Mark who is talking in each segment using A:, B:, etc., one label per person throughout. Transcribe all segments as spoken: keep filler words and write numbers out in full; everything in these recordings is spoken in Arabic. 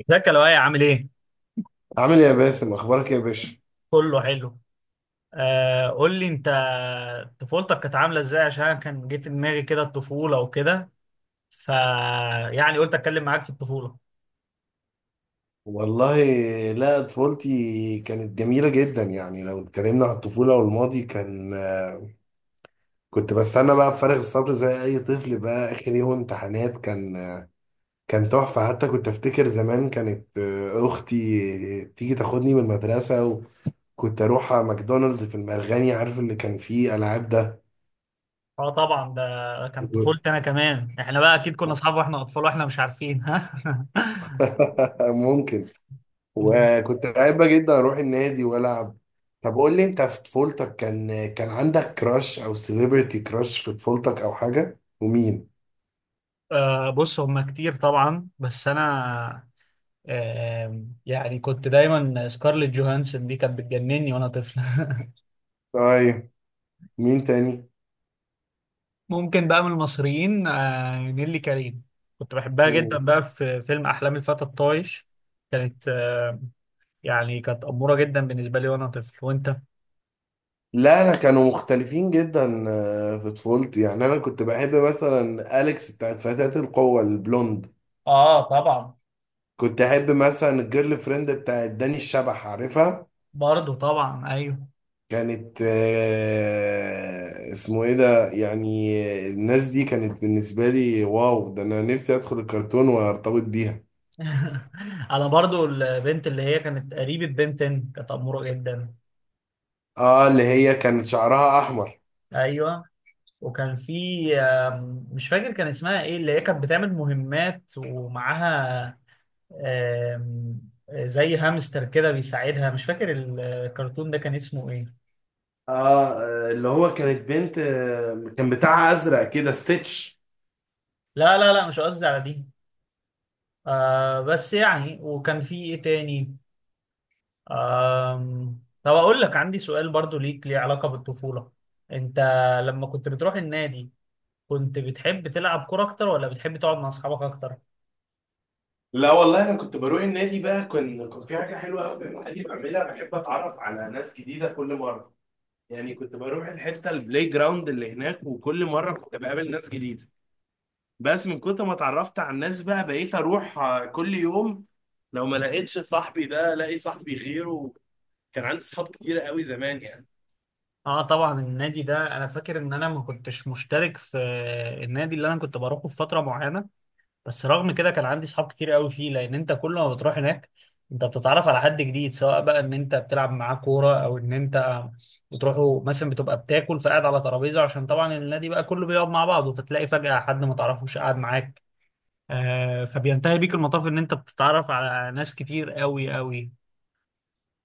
A: ازيك يا لؤي، عامل ايه؟
B: عامل ايه يا باسم؟ اخبارك إيه يا باشا؟
A: كله حلو. آه قول لي انت، طفولتك كانت عامله ازاي؟ عشان أنا كان جه في دماغي كده الطفوله وكده. ف يعني قلت اتكلم معاك في الطفوله.
B: والله، لا طفولتي كانت جميله جدا. يعني لو اتكلمنا عن الطفوله والماضي، كان كنت بستنى بقى بفارغ الصبر زي اي طفل بقى. اخر يوم امتحانات كان كان تحفه. حتى كنت افتكر زمان كانت آه، اختي تيجي تاخدني من المدرسه. وكنت اروح على ماكدونالدز في المرغني، عارف اللي كان فيه العاب ده؟
A: اه طبعا، ده كان طفولتي انا كمان، احنا بقى اكيد كنا اصحاب واحنا اطفال واحنا مش عارفين، ها؟
B: ممكن. وكنت بحب جدا اروح النادي والعب. طب قول لي انت، في طفولتك كان كان عندك كراش او سيليبرتي كراش في طفولتك او حاجه؟ ومين؟
A: آه بص، هما كتير طبعا، بس انا، آه يعني كنت دايما سكارليت جوهانسون دي كانت بتجنني وانا طفل.
B: طيب، مين تاني؟
A: ممكن بقى من المصريين، آه، نيللي كريم، كنت بحبها جدا
B: مم.
A: بقى في فيلم أحلام الفتى الطايش. كانت آه، يعني كانت أمورة جدا بالنسبة لي وأنا طفل. وأنت؟
B: لا انا كانوا مختلفين جدا. آه، في طفولتي يعني انا كنت بحب مثلا اليكس بتاعت فتاة القوة البلوند.
A: اه طبعا.
B: كنت احب مثلا الجيرل فريند بتاعت داني الشبح، عارفها؟
A: برضو طبعا، أيوه.
B: كانت آه، اسمه ايه ده يعني. الناس دي كانت بالنسبة لي واو، ده انا نفسي ادخل الكرتون وارتبط بيها.
A: أنا برضو البنت اللي هي كانت قريبة بنتن كانت أمورة جدا.
B: اه، اللي هي كانت شعرها احمر.
A: أيوه، وكان في، آم، مش فاكر كان اسمها إيه، اللي هي كانت بتعمل مهمات ومعاها آم، زي هامستر كده بيساعدها، مش فاكر الكرتون ده كان اسمه إيه.
B: اه، اللي هو كانت بنت آه، كان بتاعها ازرق كده، ستيتش.
A: لا لا لا، مش قصدي على دي. آه بس يعني، وكان في ايه تاني؟ آم، طب اقول لك، عندي سؤال برضو ليك ليه علاقة بالطفولة. انت لما كنت بتروح النادي، كنت بتحب تلعب كورة اكتر ولا بتحب تقعد مع اصحابك اكتر؟
B: لا والله، انا كنت بروح النادي بقى. كان كان في حاجه حلوه قوي النادي بعملها، بحب اتعرف على ناس جديده كل مره. يعني كنت بروح الحته البلاي جراوند اللي هناك، وكل مره كنت بقابل ناس جديده. بس من كتر ما اتعرفت على الناس بقى، بقيت اروح آه، كل يوم. لو ما لقيتش صاحبي ده، الاقي صاحبي غيره. كان عندي صحاب كتير قوي زمان يعني.
A: اه طبعا، النادي ده انا فاكر ان انا ما كنتش مشترك في النادي اللي انا كنت بروحه في فترة معينة. بس رغم كده كان عندي صحاب كتير قوي فيه، لان انت كل ما بتروح هناك انت بتتعرف على حد جديد، سواء بقى ان انت بتلعب معاه كوره او ان انت بتروحوا مثلا، بتبقى بتاكل، فقاعد على ترابيزه، عشان طبعا النادي بقى كله بيقعد مع بعضه، فتلاقي فجاه حد ما تعرفوش قاعد معاك. آه فبينتهي بيك المطاف ان انت بتتعرف على ناس كتير قوي قوي.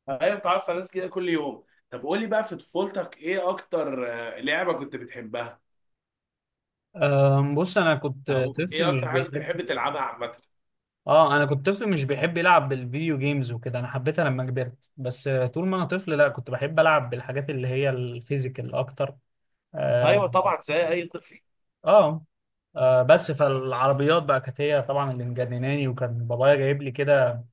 B: ايوه، بتعرف على ناس كده كل يوم. طب قول لي بقى، في طفولتك ايه اكتر آه، لعبة كنت بتحبها؟
A: أم، بص انا كنت،
B: او
A: طفل
B: ايه
A: مش
B: اكتر حاجة كنت
A: بيحب
B: بتحب تلعبها عامة؟
A: اه انا كنت طفل مش بيحب يلعب بالفيديو جيمز وكده، انا حبيتها لما كبرت، بس آه، طول ما انا طفل لا، كنت بحب العب بالحاجات اللي هي الفيزيكال اكتر. اه.
B: ايوه طبعا، زي اي طفل.
A: آه. آه بس فالعربيات بقى كانت هي طبعا اللي مجنناني، وكان بابايا جايب لي كده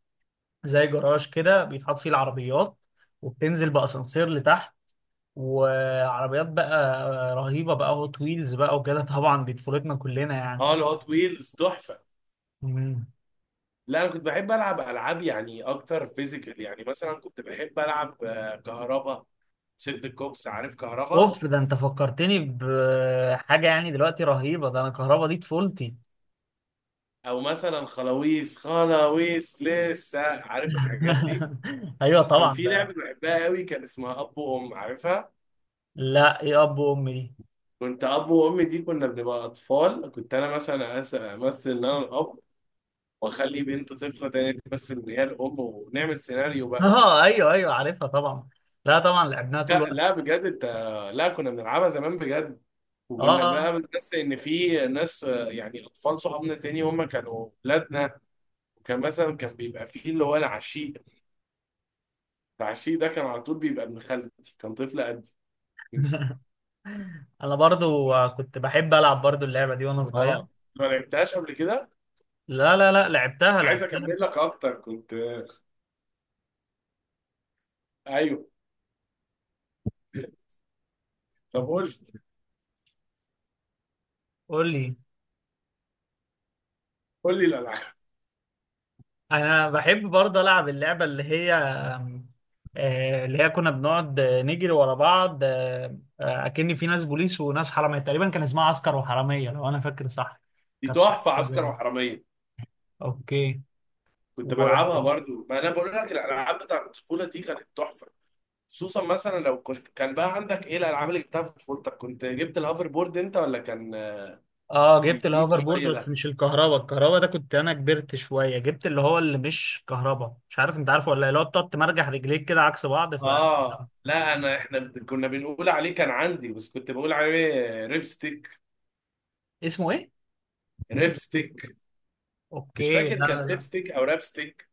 A: زي جراج كده بيتحط فيه العربيات، وبتنزل بأسانسير لتحت، وعربيات بقى آه، رهيبة بقى، هوت ويلز بقى وكده. طبعا دي طفولتنا كلنا يعني.
B: اه، الهوت ويلز تحفة.
A: مم.
B: لا انا كنت بحب العب العاب يعني اكتر فيزيكال. يعني مثلا كنت بحب العب آه، كهربا، شد الكوبس، عارف كهربا؟
A: اوف، ده انت فكرتني بحاجة، يعني دلوقتي رهيبة، ده انا كهربا دي طفولتي.
B: او مثلا خلاويص، خلاويص لسه عارف الحاجات دي؟
A: ايوه
B: كان
A: طبعا،
B: في لعبه
A: ده.
B: بحبها قوي كان اسمها اب وام، عارفها؟
A: لا، ايه اب وام دي؟
B: كنت اب وام دي كنا بنبقى اطفال، كنت انا مثلا أس- امثل ان انا الاب، واخلي بنت طفله تانية بس ان هي الام، ونعمل سيناريو بقى.
A: اه ايوه ايوه، عارفها طبعا. لا طبعا لعبناها طول
B: لا
A: الوقت.
B: لا، بجد انت. لا، كنا بنلعبها زمان بجد.
A: اه
B: وكنا
A: اه.
B: بقى بنحس ان في ناس آه، يعني اطفال صحابنا تاني هم كانوا ولادنا. وكان مثلا كان بيبقى فيه اللي هو العشيق. العشي ده كان على طول بيبقى ابن خالتي، كان طفل قدي.
A: انا برضو آه، كنت بحب العب برضو اللعبه دي وانا صغير.
B: اه، ما لعبتهاش قبل كده.
A: لا لا لا، لعبتها
B: انا عايز
A: لعبتها.
B: اكمل لك اكتر كنت. ايوه. طب قول لي.
A: قول لي.
B: قول لي الالعاب.
A: انا بحب برضو العب اللعبه اللي هي آم، آه، اللي هي كنا بنقعد آه، نجري ورا بعض، آه، آه، اكن في ناس بوليس وناس حراميه، تقريبا كان اسمها عسكر وحراميه لو انا فاكر صح.
B: دي
A: كانت،
B: تحفه عسكر
A: طبعا،
B: وحراميه.
A: اوكي.
B: كنت
A: و...
B: بلعبها برضو، ما انا بقول لك الالعاب بتاعت الطفوله دي كانت تحفه. خصوصا مثلا لو كنت كان بقى عندك ايه الالعاب اللي جبتها في طفولتك. كنت جبت الهوفر بورد انت ولا كان
A: اه جبت
B: جديد
A: الهوفر بورد،
B: شويه
A: بس
B: ده؟
A: مش الكهرباء. الكهرباء ده كنت انا كبرت شويه، جبت اللي هو اللي مش كهرباء، مش عارف انت عارفه ولا لا، اللي هو بتقعد تمرجح رجليك كده عكس بعض. ف
B: اه لا، انا احنا بت- كنا بنقول عليه، كان عندي بس كنت بقول عليه ريبستيك.
A: اسمه ايه؟
B: ريبستيك. مش
A: اوكي
B: فاكر
A: لا
B: كان
A: لا لا.
B: ليبستيك او رابستيك.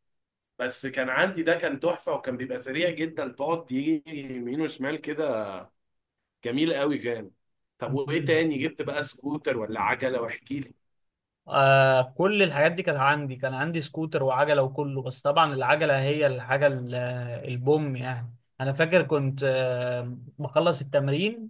B: بس كان عندي ده، كان تحفه وكان بيبقى سريع جدا، تقعد يجي يمين وشمال كده. جميل قوي كان. طب وايه
A: م-م.
B: تاني جبت بقى؟ سكوتر ولا عجله؟ واحكي لي.
A: آه كل الحاجات دي كانت عندي، كان عندي سكوتر وعجلة وكله، بس طبعا العجلة هي الحاجة ال- البوم يعني. انا فاكر كنت آه بخلص التمرين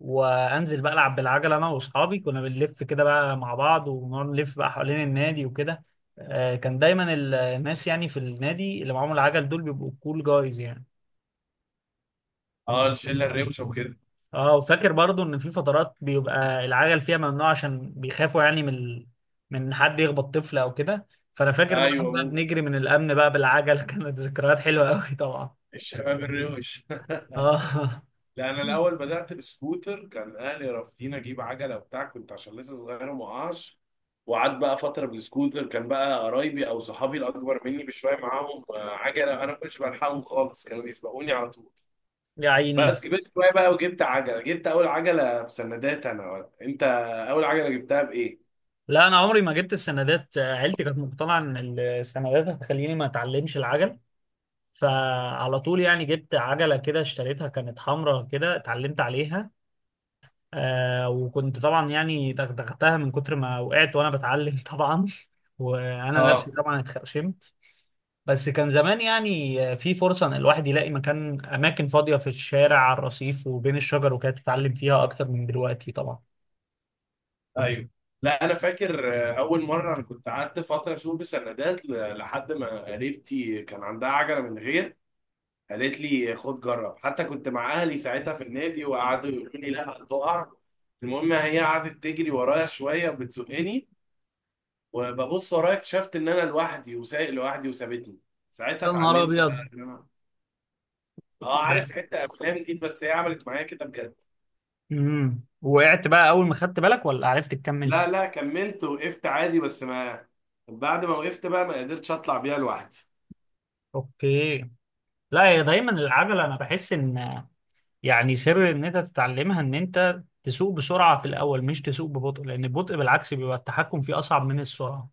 A: وانزل بقى العب بالعجلة، انا واصحابي كنا بنلف كده بقى مع بعض، ونقعد نلف بقى حوالين النادي وكده. آه كان دايما الناس يعني في النادي اللي معاهم العجل دول بيبقوا كول جايز يعني.
B: اه، الشله الروشه وكده.
A: اه، وفاكر برضو ان في فترات بيبقى العجل فيها ممنوع، عشان بيخافوا يعني من ال... من حد يخبط طفل او كده. فانا فاكر بقى إحنا
B: ايوه
A: بقى
B: ممكن،
A: بنجري من الامن بقى بالعجل. كانت ذكريات حلوه قوي طبعا.
B: الشباب الروش.
A: اه.
B: لا انا الاول بدات بسكوتر، كان اهلي رافضين اجيب عجله وبتاع، كنت عشان لسه صغير ومعاش. وقعدت بقى فتره بالسكوتر. كان بقى قرايبي او صحابي الاكبر مني بشويه معاهم آه، عجله، انا ما كنتش بلحقهم خالص، كانوا بيسبقوني على طول.
A: يا عيني.
B: بس كبرت شويه بقى وجبت عجله. جبت اول عجله بسندات انا ولا انت؟ اول عجله جبتها بايه؟
A: لا انا عمري ما جبت السندات، آه، عيلتي كانت مقتنعه ان السندات هتخليني ما اتعلمش العجل، فعلى طول يعني جبت عجله كده، اشتريتها كانت حمراء كده، اتعلمت عليها. آه وكنت طبعا يعني دغدغتها من كتر ما وقعت وانا بتعلم، طبعا، وانا نفسي
B: اه
A: طبعا اتخرشمت. بس كان زمان يعني، آه، في فرصه ان الواحد يلاقي مكان، اماكن فاضيه في الشارع على الرصيف وبين الشجر وكده، تتعلم فيها اكتر من دلوقتي طبعا.
B: ايوه. لا انا فاكر آه، اول مره انا كنت قعدت فتره اسوق بسندات ل- لحد ما قريبتي كان عندها عجله من غير. قالت لي خد جرب، حتى كنت مع اهلي ساعتها في النادي وقعدوا يقولوا لي لا هتقع. المهم، هي قعدت تجري ورايا شويه وبتزقني، وببص ورايا اكتشفت ان انا لوحدي وسايق لوحدي وسابتني. ساعتها
A: يا نهار
B: اتعلمت
A: ابيض.
B: بقى. اه، عارف حتة افلام دي، بس هي عملت معايا كده بجد.
A: امم وقعت بقى اول ما خدت بالك ولا عرفت تكمل؟
B: لا لا، كملت وقفت عادي بس ما بعد ما وقفت بقى ما قدرتش اطلع بيها لوحدي.
A: اوكي. لا هي دايما العجله انا بحس ان، يعني سر ان انت تتعلمها ان انت تسوق بسرعة في الاول، مش تسوق ببطء، لان البطء بالعكس بيبقى التحكم فيه اصعب من السرعة.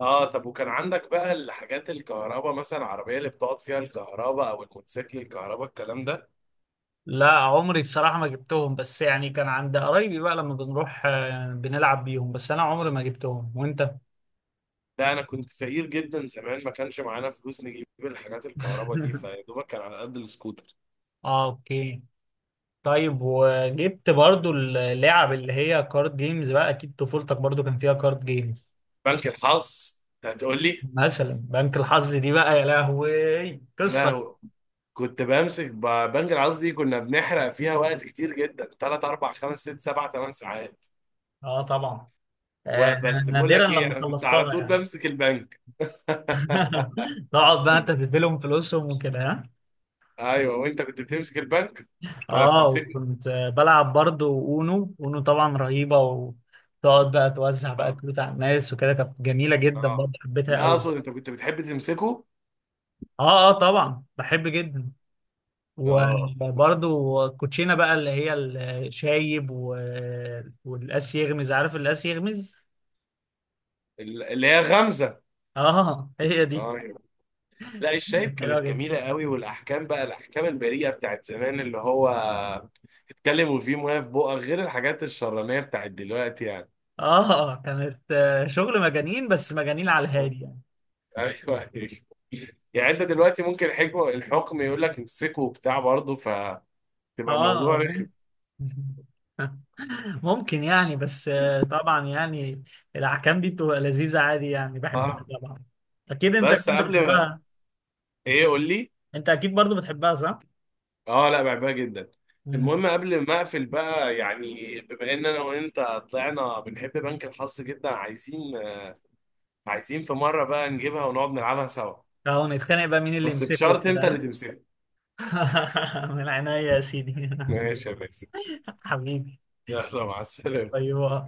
B: اه، طب وكان عندك بقى الحاجات الكهرباء، مثلا العربية اللي بتقعد فيها الكهرباء او الموتوسيكل الكهرباء الكلام ده؟
A: لا عمري بصراحة ما جبتهم، بس يعني كان عند قرايبي بقى لما بنروح آه، بنلعب بيهم، بس انا عمري ما جبتهم. وانت؟
B: لا انا كنت فقير جدا زمان، ما كانش معانا فلوس نجيب الحاجات الكهرباء دي، فيا دوبك كان على قد السكوتر.
A: اه اوكي. طيب، وجبت برضو اللعب اللي هي كارد جيمز بقى، اكيد طفولتك برضو كان فيها كارد جيمز.
B: بنك الحظ انت هتقول لي.
A: مثلا بنك الحظ دي بقى، يا لهوي،
B: يا
A: قصة.
B: لهوي. كنت بمسك ب- بنك الحظ دي، كنا بنحرق فيها وقت كتير جدا، ثلاثة اربعة خمسة ستة سبعة ثمانية ساعات.
A: اه طبعا. آه
B: وبس بقول
A: نادرا
B: لك ايه،
A: لما
B: انا كنت على
A: خلصتها
B: طول
A: يعني.
B: بمسك البنك.
A: تقعد بقى انت تديلهم فلوسهم وكده، ها.
B: ايوه، وانت كنت بتمسك البنك ولا
A: اه،
B: بتمسكه؟
A: وكنت بلعب برضه اونو، اونو طبعا رهيبة، وتقعد بقى توزع بقى
B: اه
A: كروت على الناس وكده، كانت جميلة جدا برضه،
B: اه.
A: حبيتها
B: لا،
A: قوي.
B: اقصد انت كنت بتحب تمسكه؟
A: اه اه، طبعا بحب جدا.
B: اه
A: وبرضه كوتشينة بقى اللي هي الشايب و... والقاس يغمز، عارف القاس يغمز؟
B: ال- اللي هي غمزه.
A: اه هي دي.
B: اه أيوة. لا الشايب
A: حلوة
B: كانت
A: جدا.
B: جميله قوي، والاحكام بقى الاحكام البريئه بتاعت زمان، اللي هو اتكلم وفيه مويه في بقك، غير الحاجات الشرانيه بتاعت دلوقتي يعني.
A: اه كانت، آه، شغل مجانين، بس مجانين على الهادي يعني.
B: ايوه ايوه. يعني انت دلوقتي ممكن الحكم الحكم يقول لك امسكه وبتاع برضه، فتبقى
A: اه.
B: الموضوع رخم.
A: ممكن يعني، بس آه، طبعا يعني الاحكام دي بتبقى لذيذه عادي يعني، بحبها
B: اه،
A: طبعا. اكيد انت
B: بس
A: كنت
B: قبل ما-
A: بتحبها.
B: ايه قول لي.
A: انت اكيد برضو بتحبها، صح؟
B: اه لا، بحبها جدا.
A: مم.
B: المهم قبل ما اقفل بقى، يعني بما ان انا وانت طلعنا بنحب بنك الحظ جدا، عايزين عايزين في مره بقى نجيبها ونقعد نلعبها سوا.
A: اهو نتخانق بقى مين اللي
B: بس
A: يمسكه
B: بشرط انت اللي
A: وكده.
B: تمسكها.
A: ها؟ من عينيا يا سيدي.
B: ماشي يا باسم.
A: حبيبي.
B: يلا، مع السلامه.
A: طيب.